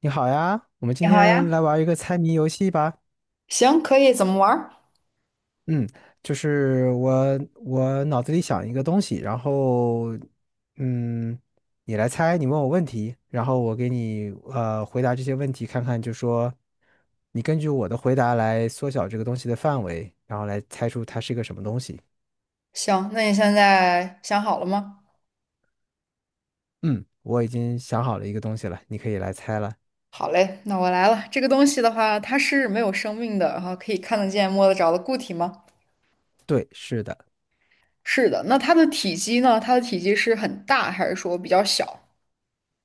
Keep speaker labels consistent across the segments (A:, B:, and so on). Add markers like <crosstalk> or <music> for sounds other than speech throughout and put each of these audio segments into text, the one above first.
A: 你好呀，我们
B: 你
A: 今
B: 好呀，
A: 天来玩一个猜谜游戏吧。
B: 行，可以，怎么玩儿？
A: 嗯，就是我脑子里想一个东西，然后嗯，你来猜，你问我问题，然后我给你回答这些问题，看看就说你根据我的回答来缩小这个东西的范围，然后来猜出它是一个什么东西。
B: 行，那你现在想好了吗？
A: 嗯，我已经想好了一个东西了，你可以来猜了。
B: 好嘞，那我来了。这个东西的话，它是没有生命的，然后可以看得见、摸得着的固体吗？
A: 对，是的。
B: 是的。那它的体积呢？它的体积是很大，还是说比较小？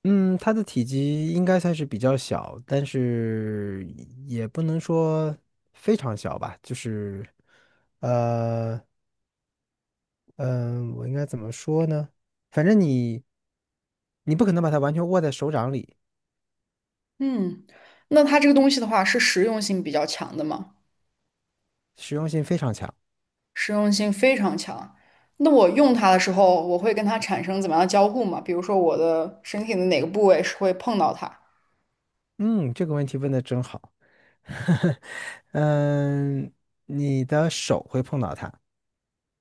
A: 嗯，它的体积应该算是比较小，但是也不能说非常小吧，就是，呃，嗯、我应该怎么说呢？反正你，你不可能把它完全握在手掌里，
B: 嗯，那它这个东西的话，是实用性比较强的吗？
A: 实用性非常强。
B: 实用性非常强。那我用它的时候，我会跟它产生怎么样的交互吗？比如说，我的身体的哪个部位是会碰到它？
A: 嗯，这个问题问的真好。<laughs> 嗯，你的手会碰到它。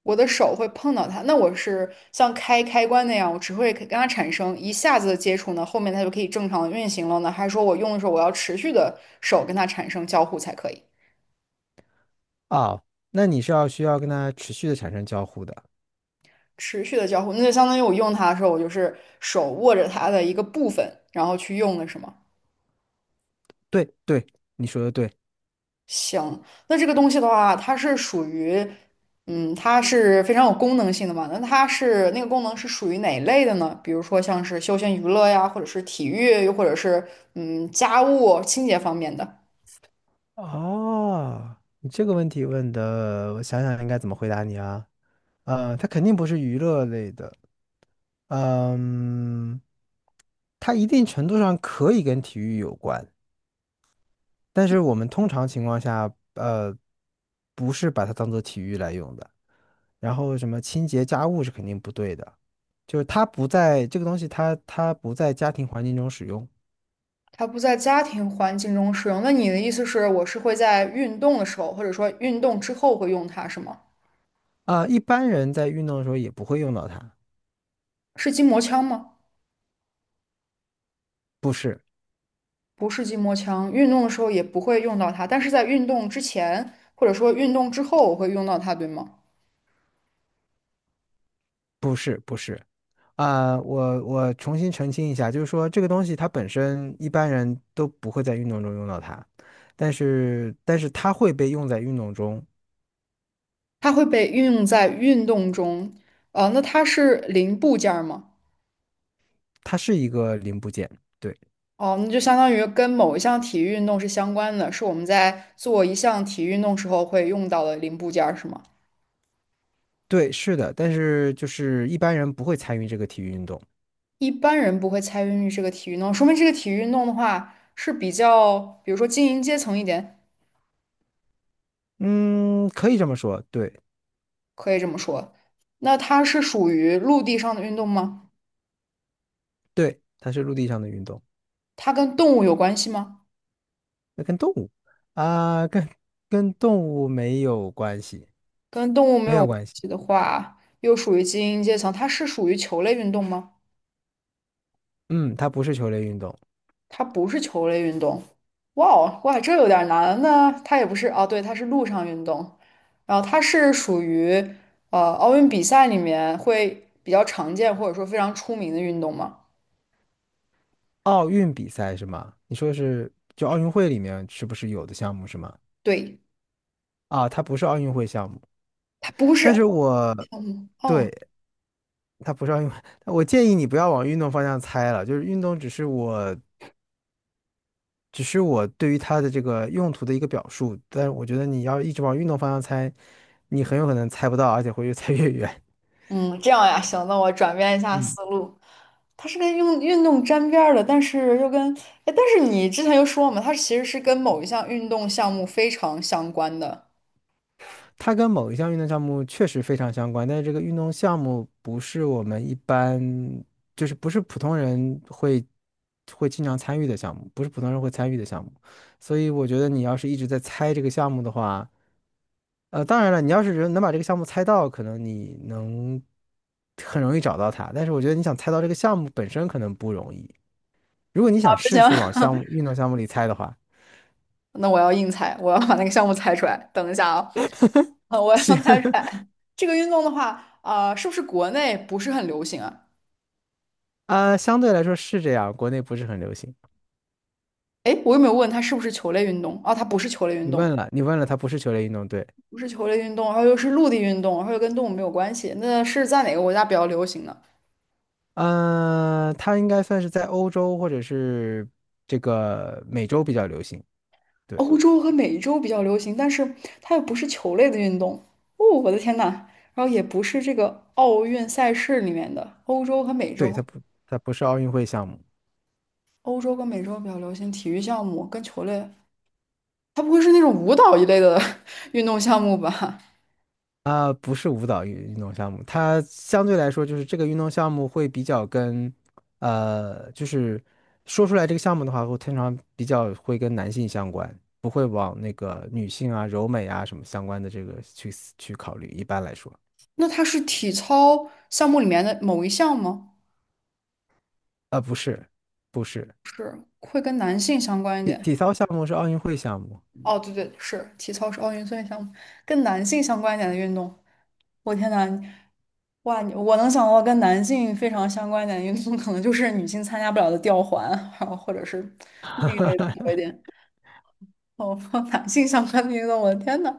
B: 我的手会碰到它。那我是像开开关那样，我只会跟它产生一下子的接触呢，后面它就可以正常的运行了呢？还是说我用的时候我要持续的手跟它产生交互才可以？
A: 哦，那你是要需要跟它持续的产生交互的。
B: 持续的交互，那就相当于我用它的时候，我就是手握着它的一个部分，然后去用的是吗？
A: 对对，你说的对。
B: 行，那这个东西的话，它是属于，嗯，它是非常有功能性的嘛？那它是那个功能是属于哪一类的呢？比如说像是休闲娱乐呀，或者是体育，又或者是嗯家务清洁方面的。
A: 哦，你这个问题问的，我想想应该怎么回答你啊？呃，它肯定不是娱乐类的，嗯，它一定程度上可以跟体育有关，但是我们通常情况下，呃，不是把它当做体育来用的。然后什么清洁家务是肯定不对的，就是它不在这个东西它，它不在家庭环境中使用。
B: 它不在家庭环境中使用。那你的意思是，我是会在运动的时候，或者说运动之后会用它，是吗？
A: 啊、一般人在运动的时候也不会用到它，
B: 是筋膜枪吗？
A: 不是，
B: 不是筋膜枪，运动的时候也不会用到它，但是在运动之前或者说运动之后我会用到它，对吗？
A: 不是，不是。啊、我重新澄清一下，就是说这个东西它本身一般人都不会在运动中用到它，但是它会被用在运动中，
B: 它会被运用在运动中，那它是零部件儿吗？
A: 它是一个零部件。对
B: 哦，那就相当于跟某一项体育运动是相关的，是我们在做一项体育运动时候会用到的零部件儿，是吗？
A: 对，是的，但是就是一般人不会参与这个体育运动。
B: 一般人不会参与这个体育运动，说明这个体育运动的话是比较，比如说精英阶层一点，
A: 嗯，可以这么说，对。
B: 可以这么说。那它是属于陆地上的运动吗？
A: 对，它是陆地上的运动，
B: 它跟动物有关系吗？
A: 那跟动物啊、跟动物没有关系，
B: 跟动物没
A: 没
B: 有
A: 有
B: 关
A: 关系。
B: 系的话，又属于精英阶层，它是属于球类运动吗？
A: 嗯，它不是球类运动。
B: 它不是球类运动。哇哦，哇，这有点难。呢。它也不是哦，对，它是陆上运动，然后它是属于奥运比赛里面会比较常见或者说非常出名的运动吗？
A: 奥运比赛是吗？你说的是就奥运会里面是不是有的项目是吗？
B: 对，
A: 啊，它不是奥运会项目，
B: 它不
A: 但
B: 是。
A: 是我
B: 哦，
A: 对它不是奥运会，我建议你不要往运动方向猜了，就是运动只是我对于它的这个用途的一个表述，但是我觉得你要一直往运动方向猜，你很有可能猜不到，而且会越猜越远。
B: 嗯，这样呀，行，那我转变一下
A: 嗯。
B: 思路。它是跟运动沾边儿的，但是又跟，哎，但是你之前又说嘛，它其实是跟某一项运动项目非常相关的。
A: 它跟某一项运动项目确实非常相关，但是这个运动项目不是我们一般，就是不是普通人会经常参与的项目，不是普通人会参与的项目。所以我觉得你要是一直在猜这个项目的话，呃，当然了，你要是人能把这个项目猜到，可能你能很容易找到它。但是我觉得你想猜到这个项目本身可能不容易。如果你
B: 啊。
A: 想
B: 不
A: 试
B: 行，
A: 试往项
B: <laughs>
A: 目运动项目里猜的话，
B: 那我要硬猜，我要把那个项目猜出来。等一下啊，我要出来这个运动的话，啊、是不是国内不是很流行啊？
A: 啊、相对来说是这样，国内不是很流行。
B: 哎，我有没有问它是不是球类运动？啊，它不是球类运
A: 你
B: 动，
A: 问了，你问了，它不是球类运动，对。
B: 不是球类运动，然后又是陆地运动，然后又跟动物没有关系，那是在哪个国家比较流行呢？
A: 它应该算是在欧洲或者是这个美洲比较流行。对，
B: 欧洲和美洲比较流行，但是它又不是球类的运动。哦，我的天呐，然后也不是这个奥运赛事里面的欧洲和美
A: 对，
B: 洲，
A: 它不，它不是奥运会项目。
B: 欧洲跟美洲比较流行体育项目跟球类，它不会是那种舞蹈一类的 <laughs> 运动项目吧？
A: 啊、不是舞蹈运动项目。它相对来说就是这个运动项目会比较跟，呃，就是说出来这个项目的话，会通常比较会跟男性相关，不会往那个女性啊、柔美啊什么相关的这个去考虑。一般来说，
B: 那它是体操项目里面的某一项吗？
A: 啊、不是，不是。
B: 会跟男性相关一点？
A: 体操项目是奥运会项目。
B: 哦，对对，是体操是奥运会项目，跟男性相关一点的运动。我天呐，哇，你我能想到跟男性非常相关一点的运动，可能就是女性参加不了的吊环，然后或者是那个类的多一点。哦，<laughs> 男性相关的运动，我的天呐，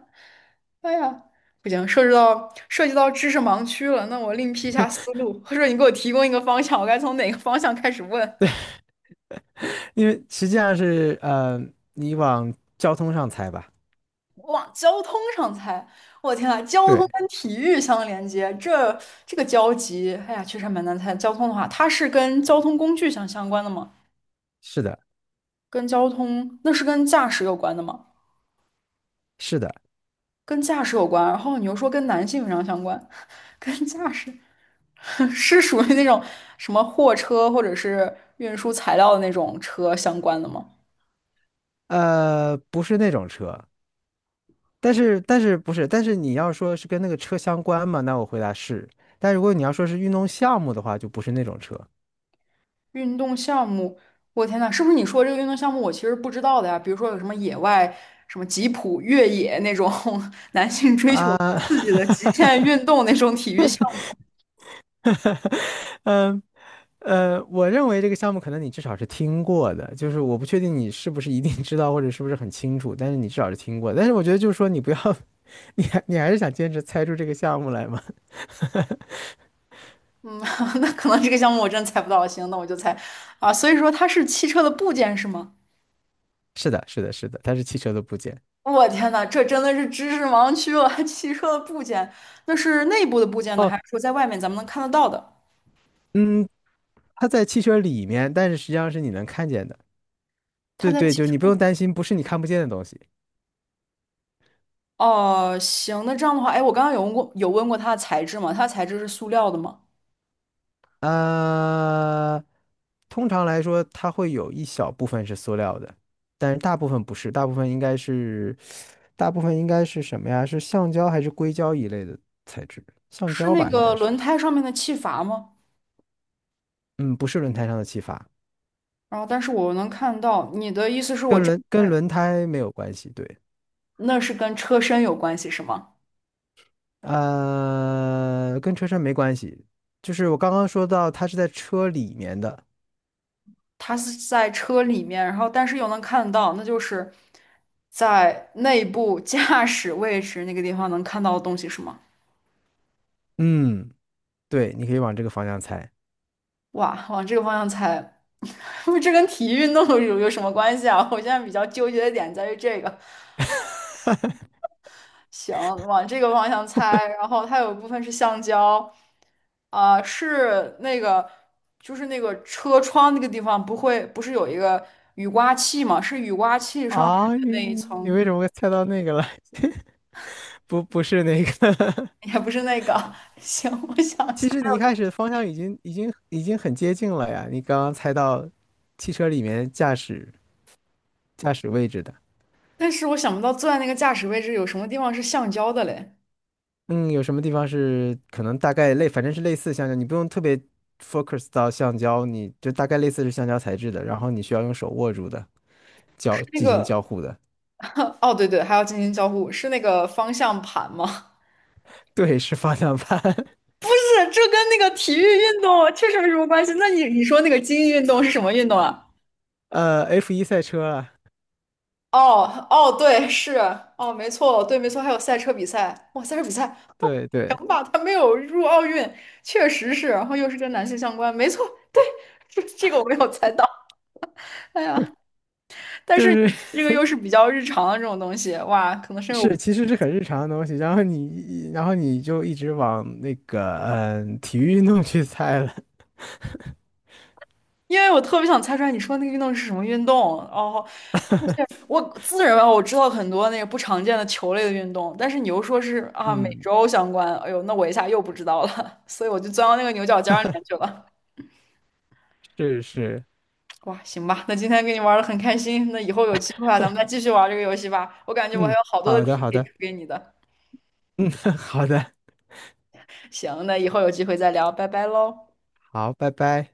B: 哎呀，不行，涉及到知识盲区了。那我另辟一下思路，或者你给我提供一个方向，我该从哪个方向开始问？
A: 因为实际上是呃，你往交通上猜吧。
B: 往交通上猜，我天啊，交通
A: 对，
B: 跟体育相连接，这个交集，哎呀，确实还蛮难猜。交通的话，它是跟交通工具相关的吗？
A: 是的，
B: 跟交通，那是跟驾驶有关的吗？
A: 是的，
B: 跟驾驶有关，然后你又说跟男性非常相关，<laughs> 跟驾驶 <laughs> 是属于那种什么货车或者是运输材料的那种车相关的吗？
A: 呃，不是那种车，但是不是，但是你要说是跟那个车相关嘛，那我回答是。但如果你要说是运动项目的话，就不是那种车
B: 运动项目，我天呐，是不是你说这个运动项目我其实不知道的呀？比如说有什么野外、什么吉普越野那种 <laughs> 男性追求
A: 啊。
B: 刺激的极限
A: <laughs>
B: 运动那种体育项
A: 嗯我认为这个项目可能你至少是听过的，就是我不确定你是不是一定知道或者是不是很清楚，但是你至少是听过的，但是我觉得就是说你不要，<laughs> 你还是想坚持猜出这个项目来吗？
B: 目，嗯，<laughs> 那可能这个项目我真猜不到。行，那我就猜啊，所以说它是汽车的部件是吗？
A: 是的，是的，是的，它是汽车的部件。
B: 我天呐，这真的是知识盲区了。<laughs> 汽车的部件，那是内部的部件呢，
A: 哦，
B: 还是说在外面咱们能看得到的？
A: 嗯，它在汽车里面，但是实际上是你能看见的。
B: 它
A: 对
B: 在
A: 对，
B: 汽
A: 就
B: 车
A: 你不
B: 里。
A: 用担心，不是你看不见的东西。
B: 哦，行，那这样的话，哎，我刚刚有问过，有问过它的材质吗？它的材质是塑料的吗？
A: 呃，通常来说，它会有一小部分是塑料的，但是大部分不是，大部分应该是，大部分应该是什么呀？是橡胶还是硅胶一类的材质？橡
B: 是
A: 胶
B: 那
A: 吧，应该
B: 个
A: 是。
B: 轮胎上面的气阀吗？
A: 嗯，不是轮胎上的气阀，
B: 然后，但是我能看到你的意思是我这
A: 跟轮胎没有关系。对，
B: 那是跟车身有关系是吗？
A: 呃，跟车身没关系，就是我刚刚说到它是在车里面的。
B: 它是在车里面，然后但是又能看到，那就是在内部驾驶位置那个地方能看到的东西是吗？
A: 嗯，对，你可以往这个方向猜。
B: 哇，往这个方向猜，<laughs> 这跟体育运动有什么关系啊？我现在比较纠结的点在于这个，行，往这个方向猜。然后它有一部分是橡胶，啊、是那个就是那个车窗那个地方不会不是有一个雨刮器吗？是雨刮器上面
A: 啊，
B: 的
A: 你
B: 那一
A: 你你
B: 层，
A: 为什么会猜到那个了？<laughs> 不，不是那个。<laughs>
B: <laughs> 也不是那个。<laughs> 行，我想一
A: 其
B: 下，
A: 实你一开始方向已经已经很接近了呀。你刚刚猜到汽车里面驾驶位置的。
B: 但是我想不到坐在那个驾驶位置有什么地方是橡胶的嘞？
A: 嗯，有什么地方是可能大概类，反正是类似橡胶，你不用特别 focus 到橡胶，你就大概类似是橡胶材质的，然后你需要用手握住的。
B: 是那
A: 进行
B: 个
A: 交互的。
B: <laughs> 哦，对对，还要进行交互，是那个方向盘吗？<laughs>
A: <laughs> 对，是方向盘。
B: 不是，这跟那个体育运动确实没什么关系。那你说那个精英运动是什么运动啊？
A: <laughs> 呃，F1赛车啊，
B: 哦哦，对，是哦，没错，对，没错，还有赛车比赛，哇，赛车比赛，哦，
A: 对对，
B: 行吧，他没有入奥运，确实是，然后又是跟男性相关，没错，对，这个我没有猜到，哎呀，但
A: 就
B: 是
A: 是
B: 这个又是比较日常的这种东西，哇，可能是因为我，
A: 是，其实是很日常的东西。然后你，然后你就一直往那个体育运动去猜了。
B: 因为我特别想猜出来你说那个运动是什么运动，哦，而且我自认为啊我知道很多那个不常见的球类的运动，但是你又说是啊美
A: 嗯，
B: 洲相关，哎呦，那我一下又不知道了，<laughs> 所以我就钻到那个牛角尖儿里面去了。
A: 是是，
B: 哇，行吧，那今天跟你玩的很开心，那以后有机会啊，咱们再继续玩这个游戏吧。我感觉我还
A: 嗯，
B: 有好多
A: 好
B: 的
A: 的
B: 题
A: 好
B: 可以
A: 的。
B: 出给你的。
A: <laughs> 好的，
B: 行，那以后有机会再聊，拜拜喽。
A: 好，拜拜。